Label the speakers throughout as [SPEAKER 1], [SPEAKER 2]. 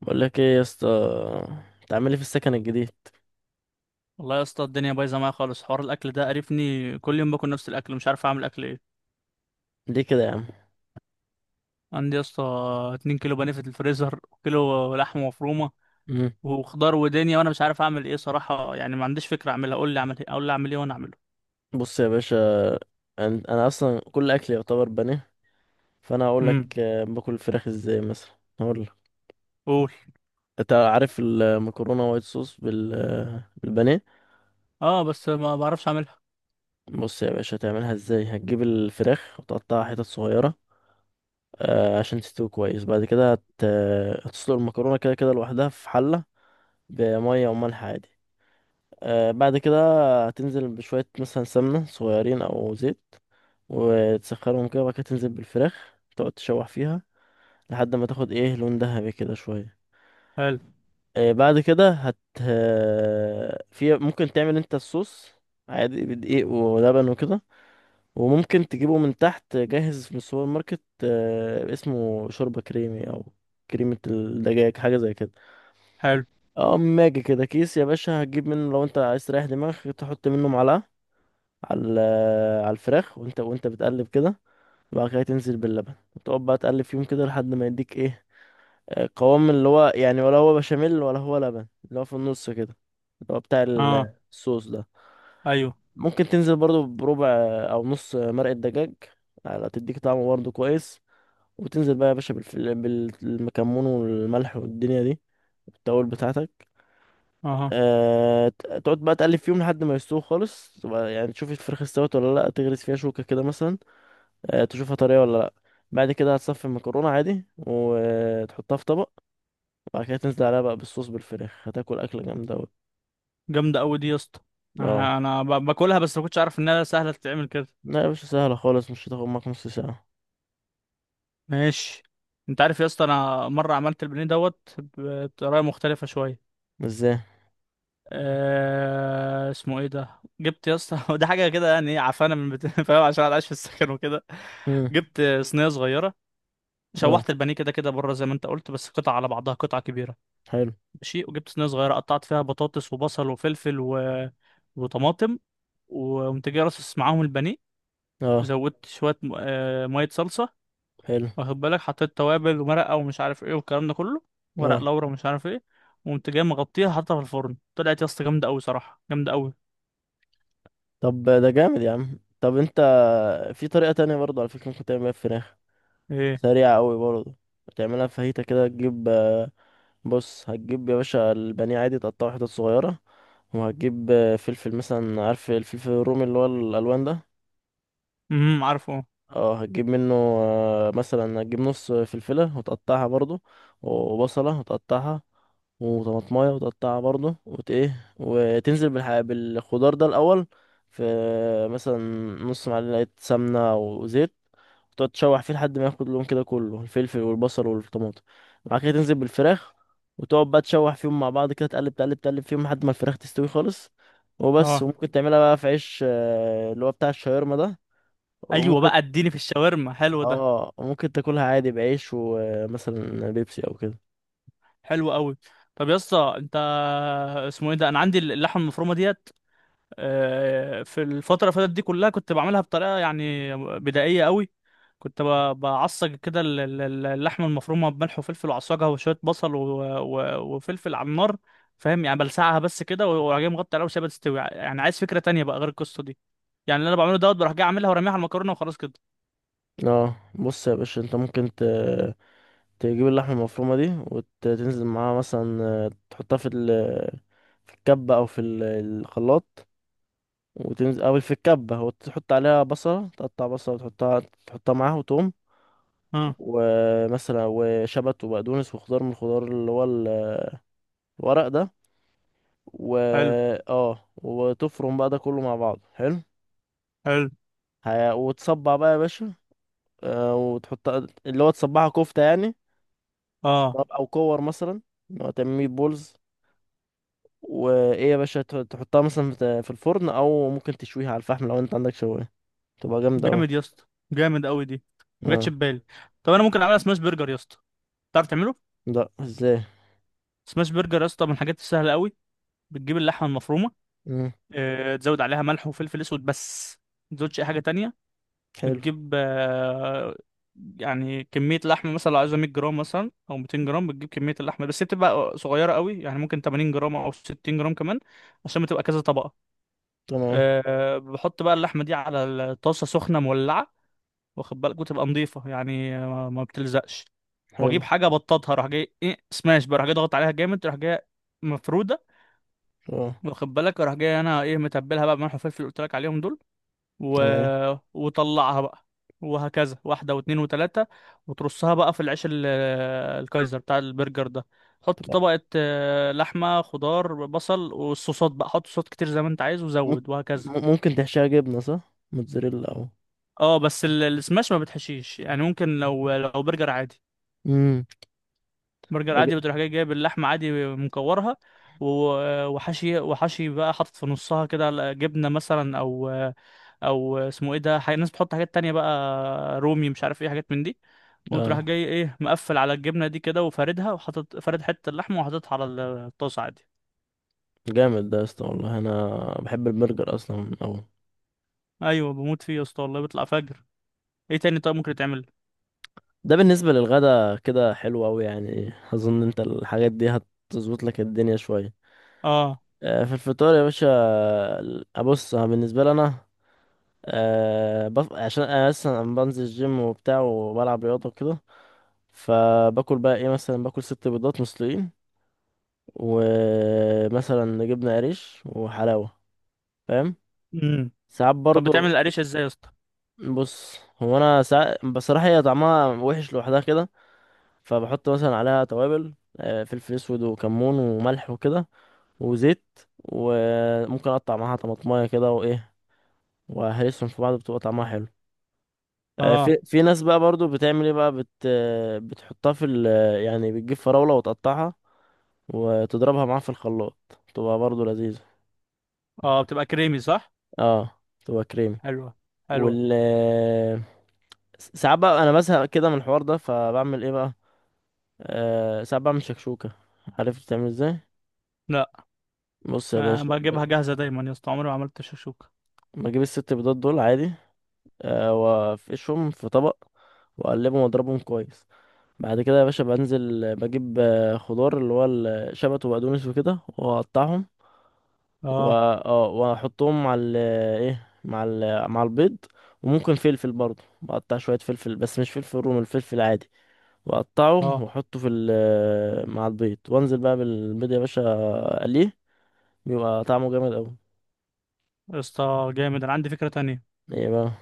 [SPEAKER 1] بقول لك ايه يا اسطى تعملي في السكن الجديد؟
[SPEAKER 2] والله يا اسطى الدنيا بايظه معايا خالص. حوار الاكل ده قرفني، كل يوم باكل نفس الاكل، مش عارف اعمل اكل ايه.
[SPEAKER 1] ليه كده يا عم؟
[SPEAKER 2] عندي يا اسطى 2 كيلو بانيه في الفريزر وكيلو لحمه مفرومه
[SPEAKER 1] مم.
[SPEAKER 2] وخضار ودنيا، وانا مش عارف اعمل ايه صراحه. يعني ما عنديش فكره اعملها، قول لي اعمل ايه، اقول لي اعمل ايه وانا اعمله.
[SPEAKER 1] بص يا باشا، انا اصلا كل اكلي يعتبر بني، فانا هقول
[SPEAKER 2] امم
[SPEAKER 1] لك، باكل الفراخ ازاي مثلا. هقول لك.
[SPEAKER 2] قول.
[SPEAKER 1] انت عارف المكرونه وايت صوص بالبانيه؟
[SPEAKER 2] اه بس ما بعرفش اعملها.
[SPEAKER 1] بص يا باشا، هتعملها ازاي: هتجيب الفراخ وتقطعها حتت صغيره، عشان تستوي كويس. بعد كده هت... آه، هتسلق المكرونه كده كده لوحدها في حله بميه وملح عادي. بعد كده هتنزل بشويه مثلا سمنه صغيرين او زيت، وتسخنهم كده، وبعد كده تنزل بالفراخ، تقعد تشوح فيها لحد ما تاخد ايه، لون ذهبي كده شوية.
[SPEAKER 2] حلو.
[SPEAKER 1] بعد كده هت آه، في ممكن تعمل انت الصوص عادي بدقيق ولبن وكده، وممكن تجيبه من تحت جاهز من السوبر ماركت، اسمه شوربة كريمي او كريمة الدجاج، حاجة زي كده.
[SPEAKER 2] حلو.
[SPEAKER 1] اه، ماجي كده كيس يا باشا، هتجيب منه لو انت عايز تريح دماغك، تحط منه معلقة على الفراخ وانت بتقلب كده. بعد كده تنزل باللبن، وتقعد بقى تقلب فيهم كده لحد ما يديك ايه، قوام، اللي هو يعني، ولا هو بشاميل ولا هو لبن، اللي هو في النص كده، اللي هو بتاع
[SPEAKER 2] اه.
[SPEAKER 1] الصوص ده.
[SPEAKER 2] ايوه.
[SPEAKER 1] ممكن تنزل برضو بربع او نص مرقة دجاج، على تديك طعم برضو كويس. وتنزل بقى يا باشا بالمكمون والملح والدنيا دي، التوابل بتاعتك.
[SPEAKER 2] اه.
[SPEAKER 1] تقعد بقى تقلب فيهم لحد ما يستووا خالص، تبقى يعني تشوف الفراخ استوت ولا لا، تغرز فيها شوكة كده مثلا، تشوفها طريه ولا لا. بعد كده هتصفي المكرونه عادي وتحطها في طبق، وبعد كده تنزل عليها بقى بالصوص بالفراخ، هتاكل اكله جامده أوي.
[SPEAKER 2] جامده قوي دي يا اسطى.
[SPEAKER 1] اه.
[SPEAKER 2] انا باكلها بس ما كنتش عارف انها سهله تتعمل كده.
[SPEAKER 1] لا يا باشا، سهله خالص، مش هتاخد معاك نص ساعه.
[SPEAKER 2] ماشي. انت عارف يا اسطى انا مره عملت البانيه دوت بطريقه مختلفه شويه.
[SPEAKER 1] ازاي؟
[SPEAKER 2] آه اسمه ايه ده. جبت يا اسطى ده حاجه كده يعني ايه عفانه فاهم، عشان انا عايش في السكن وكده.
[SPEAKER 1] امم.
[SPEAKER 2] جبت صينيه صغيره،
[SPEAKER 1] اه،
[SPEAKER 2] شوحت البانيه كده كده بره زي ما انت قلت بس قطع على بعضها قطعه كبيره.
[SPEAKER 1] حلو.
[SPEAKER 2] ماشي، وجبت صينيه صغيره قطعت فيها بطاطس وبصل وفلفل وطماطم، وقمت جاي رصص معاهم البانيه.
[SPEAKER 1] اه،
[SPEAKER 2] زودت شويه م... آه ميه صلصه.
[SPEAKER 1] حلو.
[SPEAKER 2] واخد بالك، حطيت توابل ومرقه ومش عارف ايه والكلام ده كله، ورق
[SPEAKER 1] اه،
[SPEAKER 2] لورا ومش عارف ايه. وقمت جاي مغطيها، حاطها في الفرن، طلعت يا اسطى جامده قوي صراحه، جامده قوي.
[SPEAKER 1] طب ده جامد يا عم. طب انت، في طريقه تانية برضه على فكره ممكن تعمل بيها الفراخ،
[SPEAKER 2] ايه.
[SPEAKER 1] سريعه قوي برضه. تعملها فاهيتا كده. تجيب، بص، هتجيب يا باشا البانيه عادي، تقطعه حتت صغيرة، وهتجيب فلفل مثلا، عارف الفلفل الرومي اللي هو الألوان ده؟
[SPEAKER 2] امم، عارفه.
[SPEAKER 1] اه، هتجيب منه، مثلا هتجيب نص فلفلة وتقطعها برضو، وبصلة وتقطعها، وطماطماية وتقطعها برضو، وت ايه وتنزل بالخضار ده الأول، في مثلا نص معلقة سمنة وزيت، وتقعد تشوح فيه لحد ما ياخد اللون كده كله، الفلفل والبصل والطماطم. بعد كده تنزل بالفراخ، وتقعد بقى تشوح فيهم مع بعض كده، تقلب تقلب تقلب فيهم لحد ما الفراخ تستوي خالص. وبس.
[SPEAKER 2] اه.
[SPEAKER 1] وممكن تعملها بقى في عيش اللي هو بتاع الشاورما ده،
[SPEAKER 2] ايوه
[SPEAKER 1] وممكن
[SPEAKER 2] بقى، اديني في الشاورما حلو ده.
[SPEAKER 1] اه ممكن تاكلها عادي بعيش، ومثلا بيبسي او كده.
[SPEAKER 2] حلو قوي. طب يا اسطى انت، اسمه ايه ده، انا عندي اللحمه المفرومه ديت في الفتره اللي فاتت دي كلها كنت بعملها بطريقه يعني بدائيه قوي. كنت بعصج كده اللحمه المفرومه بملح وفلفل وعصاجها وشويه بصل وفلفل على النار. فاهم يعني بلسعها بس كده، واروح جاي مغطي عليها وسيبها تستوي. يعني عايز فكره تانية بقى غير القصه دي، يعني اللي انا بعمله دوت بروح جاي اعملها ورميها على المكرونه وخلاص كده.
[SPEAKER 1] اه. بص يا باشا، انت ممكن تجيب اللحمه المفرومه دي، وتنزل معاها مثلا، تحطها في الكبه او في الخلاط، وتنزل، او في الكبه، وتحط عليها بصله، تقطع بصله وتحطها، معاها، وتوم،
[SPEAKER 2] اه.
[SPEAKER 1] ومثلا وشبت وبقدونس، وخضار من الخضار اللي هو الورق ده، و
[SPEAKER 2] حلو.
[SPEAKER 1] اه وتفرم بقى ده كله مع بعض، حلو.
[SPEAKER 2] حلو.
[SPEAKER 1] وتصبع بقى يا باشا، وتحط، اللي هو تصبعها كفتة يعني.
[SPEAKER 2] اه.
[SPEAKER 1] طب، أو كور مثلا، اللي هو تعمل ميت بولز، وإيه يا باشا، تحطها مثلا في الفرن، أو ممكن تشويها على الفحم لو أنت عندك شواية، تبقى جامدة أوي.
[SPEAKER 2] جامد يا اسطى، جامد قوي دي، ما جاتش
[SPEAKER 1] اه.
[SPEAKER 2] في بالي. طب انا ممكن اعملها سماش برجر يا اسطى؟ تعرف تعمله؟
[SPEAKER 1] لأ، ازاي؟
[SPEAKER 2] سماش برجر يا اسطى من الحاجات السهله قوي. بتجيب اللحمه المفرومه،
[SPEAKER 1] مم.
[SPEAKER 2] تزود عليها ملح وفلفل اسود بس، ما تزودش اي حاجه تانية.
[SPEAKER 1] حلو.
[SPEAKER 2] بتجيب يعني كميه لحمه، مثلا لو عايزها 100 جرام مثلا او 200 جرام، بتجيب كميه اللحمه بس هي بتبقى صغيره قوي، يعني ممكن 80 جرام او 60 جرام كمان، عشان بتبقى كذا طبقه.
[SPEAKER 1] تمام.
[SPEAKER 2] بحط بقى اللحمه دي على الطاسه سخنه مولعه، واخد بالك، وتبقى نظيفه يعني ما بتلزقش. واجيب
[SPEAKER 1] حلو.
[SPEAKER 2] حاجه بطاطها، اروح جاي ايه، سماش بقى، اروح جاي ضغط عليها جامد، اروح جاي مفروده.
[SPEAKER 1] اه.
[SPEAKER 2] واخد بالك اروح جاي انا ايه، متبلها بقى بملح وفلفل اللي قلت لك عليهم دول و...
[SPEAKER 1] تمام.
[SPEAKER 2] وطلعها بقى، وهكذا واحده واثنين وثلاثه، وترصها بقى في العيش الكايزر بتاع البرجر ده. حط
[SPEAKER 1] تبقى
[SPEAKER 2] طبقه لحمه، خضار، بصل، والصوصات بقى حط صوصات كتير زي ما انت عايز
[SPEAKER 1] مم-
[SPEAKER 2] وزود وهكذا.
[SPEAKER 1] ممكن تحشيها جبنة، صح؟ موتزاريلا أو.
[SPEAKER 2] اه بس السماش ما بتحشيش، يعني ممكن لو برجر عادي.
[SPEAKER 1] مم.
[SPEAKER 2] برجر
[SPEAKER 1] أج-
[SPEAKER 2] عادي بتروح جاي جايب اللحمة عادي مكورها، وحشي، بقى حاطط في نصها كده جبنة مثلا أو أو اسمه إيه ده حاجة، الناس بتحط حاجات تانية بقى، رومي مش عارف إيه حاجات من دي. وتروح
[SPEAKER 1] اه،
[SPEAKER 2] جاي إيه مقفل على الجبنة دي كده وفاردها وحاطط فارد حتة اللحمة وحاططها على الطاسة عادي.
[SPEAKER 1] جامد ده يا اسطى، والله أنا بحب البرجر أصلا أوي.
[SPEAKER 2] أيوة بموت فيه يا اسطى والله، بيطلع فجر. إيه تاني طيب ممكن يتعمل؟
[SPEAKER 1] ده بالنسبة للغدا كده حلو أوي، يعني أظن أنت الحاجات دي هتظبط لك الدنيا شوية.
[SPEAKER 2] آه.
[SPEAKER 1] في الفطار يا باشا، أبص، أنا بالنسبة لي أنا، عشان أنا أصلا بنزل الجيم وبتاع وبلعب رياضة وكده، فباكل بقى إيه، مثلا باكل 6 بيضات مسلوقين، ومثلا جبنة قريش وحلاوة، فاهم؟
[SPEAKER 2] امم.
[SPEAKER 1] ساعات
[SPEAKER 2] طب بتعمل
[SPEAKER 1] برضو.
[SPEAKER 2] القريشة إزاي يا اسطى؟
[SPEAKER 1] بص، هو أنا ساعات بصراحة هي طعمها وحش لوحدها كده، فبحط مثلا عليها توابل، فلفل اسود وكمون وملح وكده، وزيت، وممكن اقطع معاها طماطمايه كده وايه، وهرسهم في بعض، بتبقى طعمها حلو.
[SPEAKER 2] آه.
[SPEAKER 1] في ناس بقى برضو بتعمل ايه بقى، بت آه، بتحطها في ال آه، يعني بتجيب فراوله وتقطعها وتضربها معاها في الخلاط، تبقى برضو لذيذه.
[SPEAKER 2] آه بتبقى كريمي صح؟
[SPEAKER 1] اه، تبقى كريمي.
[SPEAKER 2] حلوة. حلوة.
[SPEAKER 1] وال آه، ساعات بقى انا بزهق كده من الحوار ده، فبعمل ايه بقى، ساعات بعمل شكشوكه. عارف بتعمل ازاي؟
[SPEAKER 2] لا
[SPEAKER 1] بص يا
[SPEAKER 2] أنا
[SPEAKER 1] باشا،
[SPEAKER 2] بجيبها جاهزة دايما يا اسطى، عمري ما عملت شكشوكة.
[SPEAKER 1] لما اجيب الست بيضات دول عادي، وافقشهم في طبق، واقلبهم واضربهم كويس. بعد كده يا باشا بنزل، بجيب خضار اللي هو الشبت وبقدونس وكده، واقطعهم،
[SPEAKER 2] اه.
[SPEAKER 1] واحطهم مع ال ايه مع ال مع البيض. وممكن فلفل برضه، بقطع شوية فلفل، بس مش فلفل رومي، الفلفل العادي، واقطعه
[SPEAKER 2] اه
[SPEAKER 1] واحطه في ال آه، مع البيض، وانزل بقى بالبيض يا باشا، اقليه، بيبقى طعمه جامد اوي.
[SPEAKER 2] يا اسطى جامد، انا عندي فكرة تانية.
[SPEAKER 1] ايه بقى؟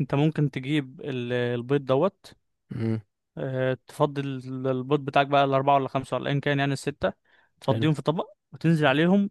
[SPEAKER 2] انت ممكن تجيب البيض دوت،
[SPEAKER 1] مم،
[SPEAKER 2] تفضي البيض بتاعك بقى، الاربعة ولا خمسة ولا ايا كان يعني الستة،
[SPEAKER 1] حلو.
[SPEAKER 2] تفضيهم في طبق وتنزل عليهم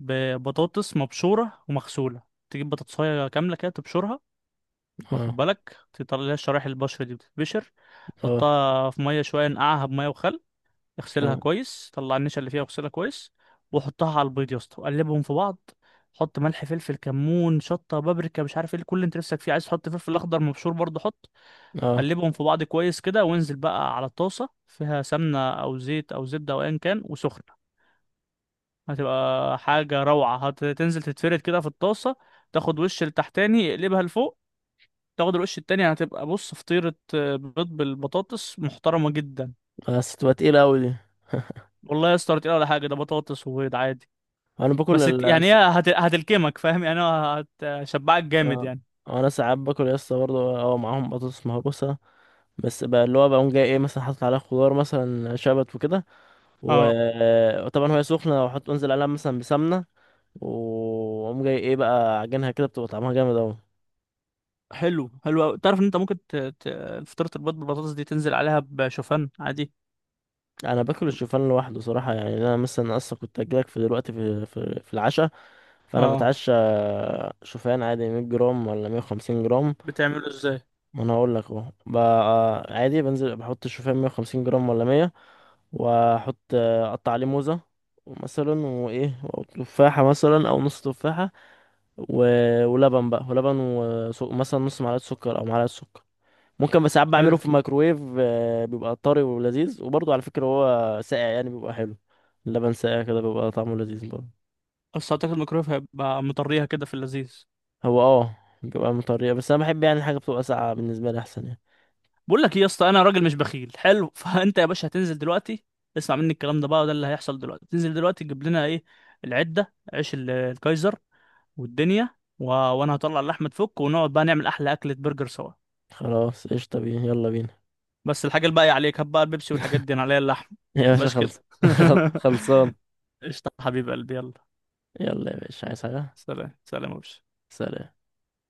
[SPEAKER 2] ببطاطس مبشورة ومغسولة. تجيب بطاطساية كاملة كده تبشرها، واخد
[SPEAKER 1] اه.
[SPEAKER 2] بالك تطلع لها الشرايح، البشر دي بتتبشر.
[SPEAKER 1] اه،
[SPEAKER 2] تحطها في مية شوية، نقعها بمية وخل، اغسلها
[SPEAKER 1] تمام.
[SPEAKER 2] كويس، طلع النشا اللي فيها واغسلها كويس. وحطها على البيض يا اسطى وقلبهم في بعض. حط ملح، فلفل، كمون، شطه، بابريكا، مش عارف ايه، كل اللي انت نفسك فيه. عايز تحط فلفل اخضر مبشور برضه حط.
[SPEAKER 1] اه،
[SPEAKER 2] قلبهم في بعض كويس كده، وانزل بقى على الطاسه فيها سمنه او زيت او زبده او ايا كان وسخنه. هتبقى حاجه روعه. هتنزل تتفرد كده في الطاسه، تاخد وش لتحتاني اقلبها لفوق، تاخد الوش التاني، هتبقى بص فطيره بيض بالبطاطس محترمه جدا.
[SPEAKER 1] بس تبقى تقيلة أوي دي.
[SPEAKER 2] والله يا اسطى ولا تقيلة ولا حاجه، ده بطاطس وبيض عادي.
[SPEAKER 1] أنا باكل
[SPEAKER 2] بس
[SPEAKER 1] ال
[SPEAKER 2] يعني هي هتلكمك، فاهم يعني، هو هتشبعك جامد
[SPEAKER 1] آه،
[SPEAKER 2] يعني.
[SPEAKER 1] أنا ساعات باكل يا اسطى برضه، معاهم بطاطس مهروسة، بس بقى اللي هو بقوم جاي إيه، مثلا حاطط عليها خضار مثلا شبت وكده،
[SPEAKER 2] اه.
[SPEAKER 1] وطبعا وهي سخنة، أنزل عليها مثلا بسمنة، وأقوم جاي إيه بقى، عجنها كده، بتبقى طعمها جامد أوي.
[SPEAKER 2] حلو، حلو أوي. تعرف ان انت ممكن فطيرة البيض بالبطاطس دي تنزل عليها بشوفان عادي.
[SPEAKER 1] أنا باكل
[SPEAKER 2] طب.
[SPEAKER 1] الشوفان لوحده صراحة، يعني أنا مثلا أصلا كنت أجيلك في دلوقتي، في العشاء، فأنا
[SPEAKER 2] اه
[SPEAKER 1] بتعشى شوفان عادي، 100 جرام ولا 150 جرام.
[SPEAKER 2] بتعمله ازاي؟
[SPEAKER 1] ما انا اقول لك اهو بقى. عادي، بنزل بحط الشوفان، 150 جرام ولا 100، اقطع عليه موزه مثلا، وايه، او تفاحه مثلا، او نص تفاحه، و... ولبن، مثلا نص معلقه سكر او معلقه سكر، ممكن. بس ساعات
[SPEAKER 2] حلو.
[SPEAKER 1] بعمله في الميكروويف، بيبقى طري ولذيذ. وبرضه على فكره هو ساقع، يعني بيبقى حلو، اللبن ساقع كده، بيبقى طعمه لذيذ برضه.
[SPEAKER 2] بس اعتقد الميكرويف هيبقى مطريها كده في اللذيذ.
[SPEAKER 1] هو اه، بيبقى مطريه، بس انا بحب يعني حاجه بتبقى ساقعه، بالنسبه لي احسن يعني.
[SPEAKER 2] بقول لك ايه يا اسطى، انا راجل مش بخيل حلو فانت يا باشا هتنزل دلوقتي، اسمع مني الكلام ده بقى، وده اللي هيحصل دلوقتي. تنزل دلوقتي تجيب لنا ايه، العدة، عيش الكايزر والدنيا وانا هطلع اللحمة تفك ونقعد بقى نعمل احلى اكلة برجر سوا.
[SPEAKER 1] خلاص، قشطه، بينا، يلا بينا.
[SPEAKER 2] بس الحاجة الباقية عليك، هات بقى البيبسي والحاجات دي، انا عليا اللحم.
[SPEAKER 1] يا باشا
[SPEAKER 2] متبقاش
[SPEAKER 1] خلص.
[SPEAKER 2] كده
[SPEAKER 1] خلصان.
[SPEAKER 2] قشطة حبيب قلبي يلا.
[SPEAKER 1] يلا يا باشا، عايز حاجة؟
[SPEAKER 2] سلام سلام يا باشا.
[SPEAKER 1] سلام.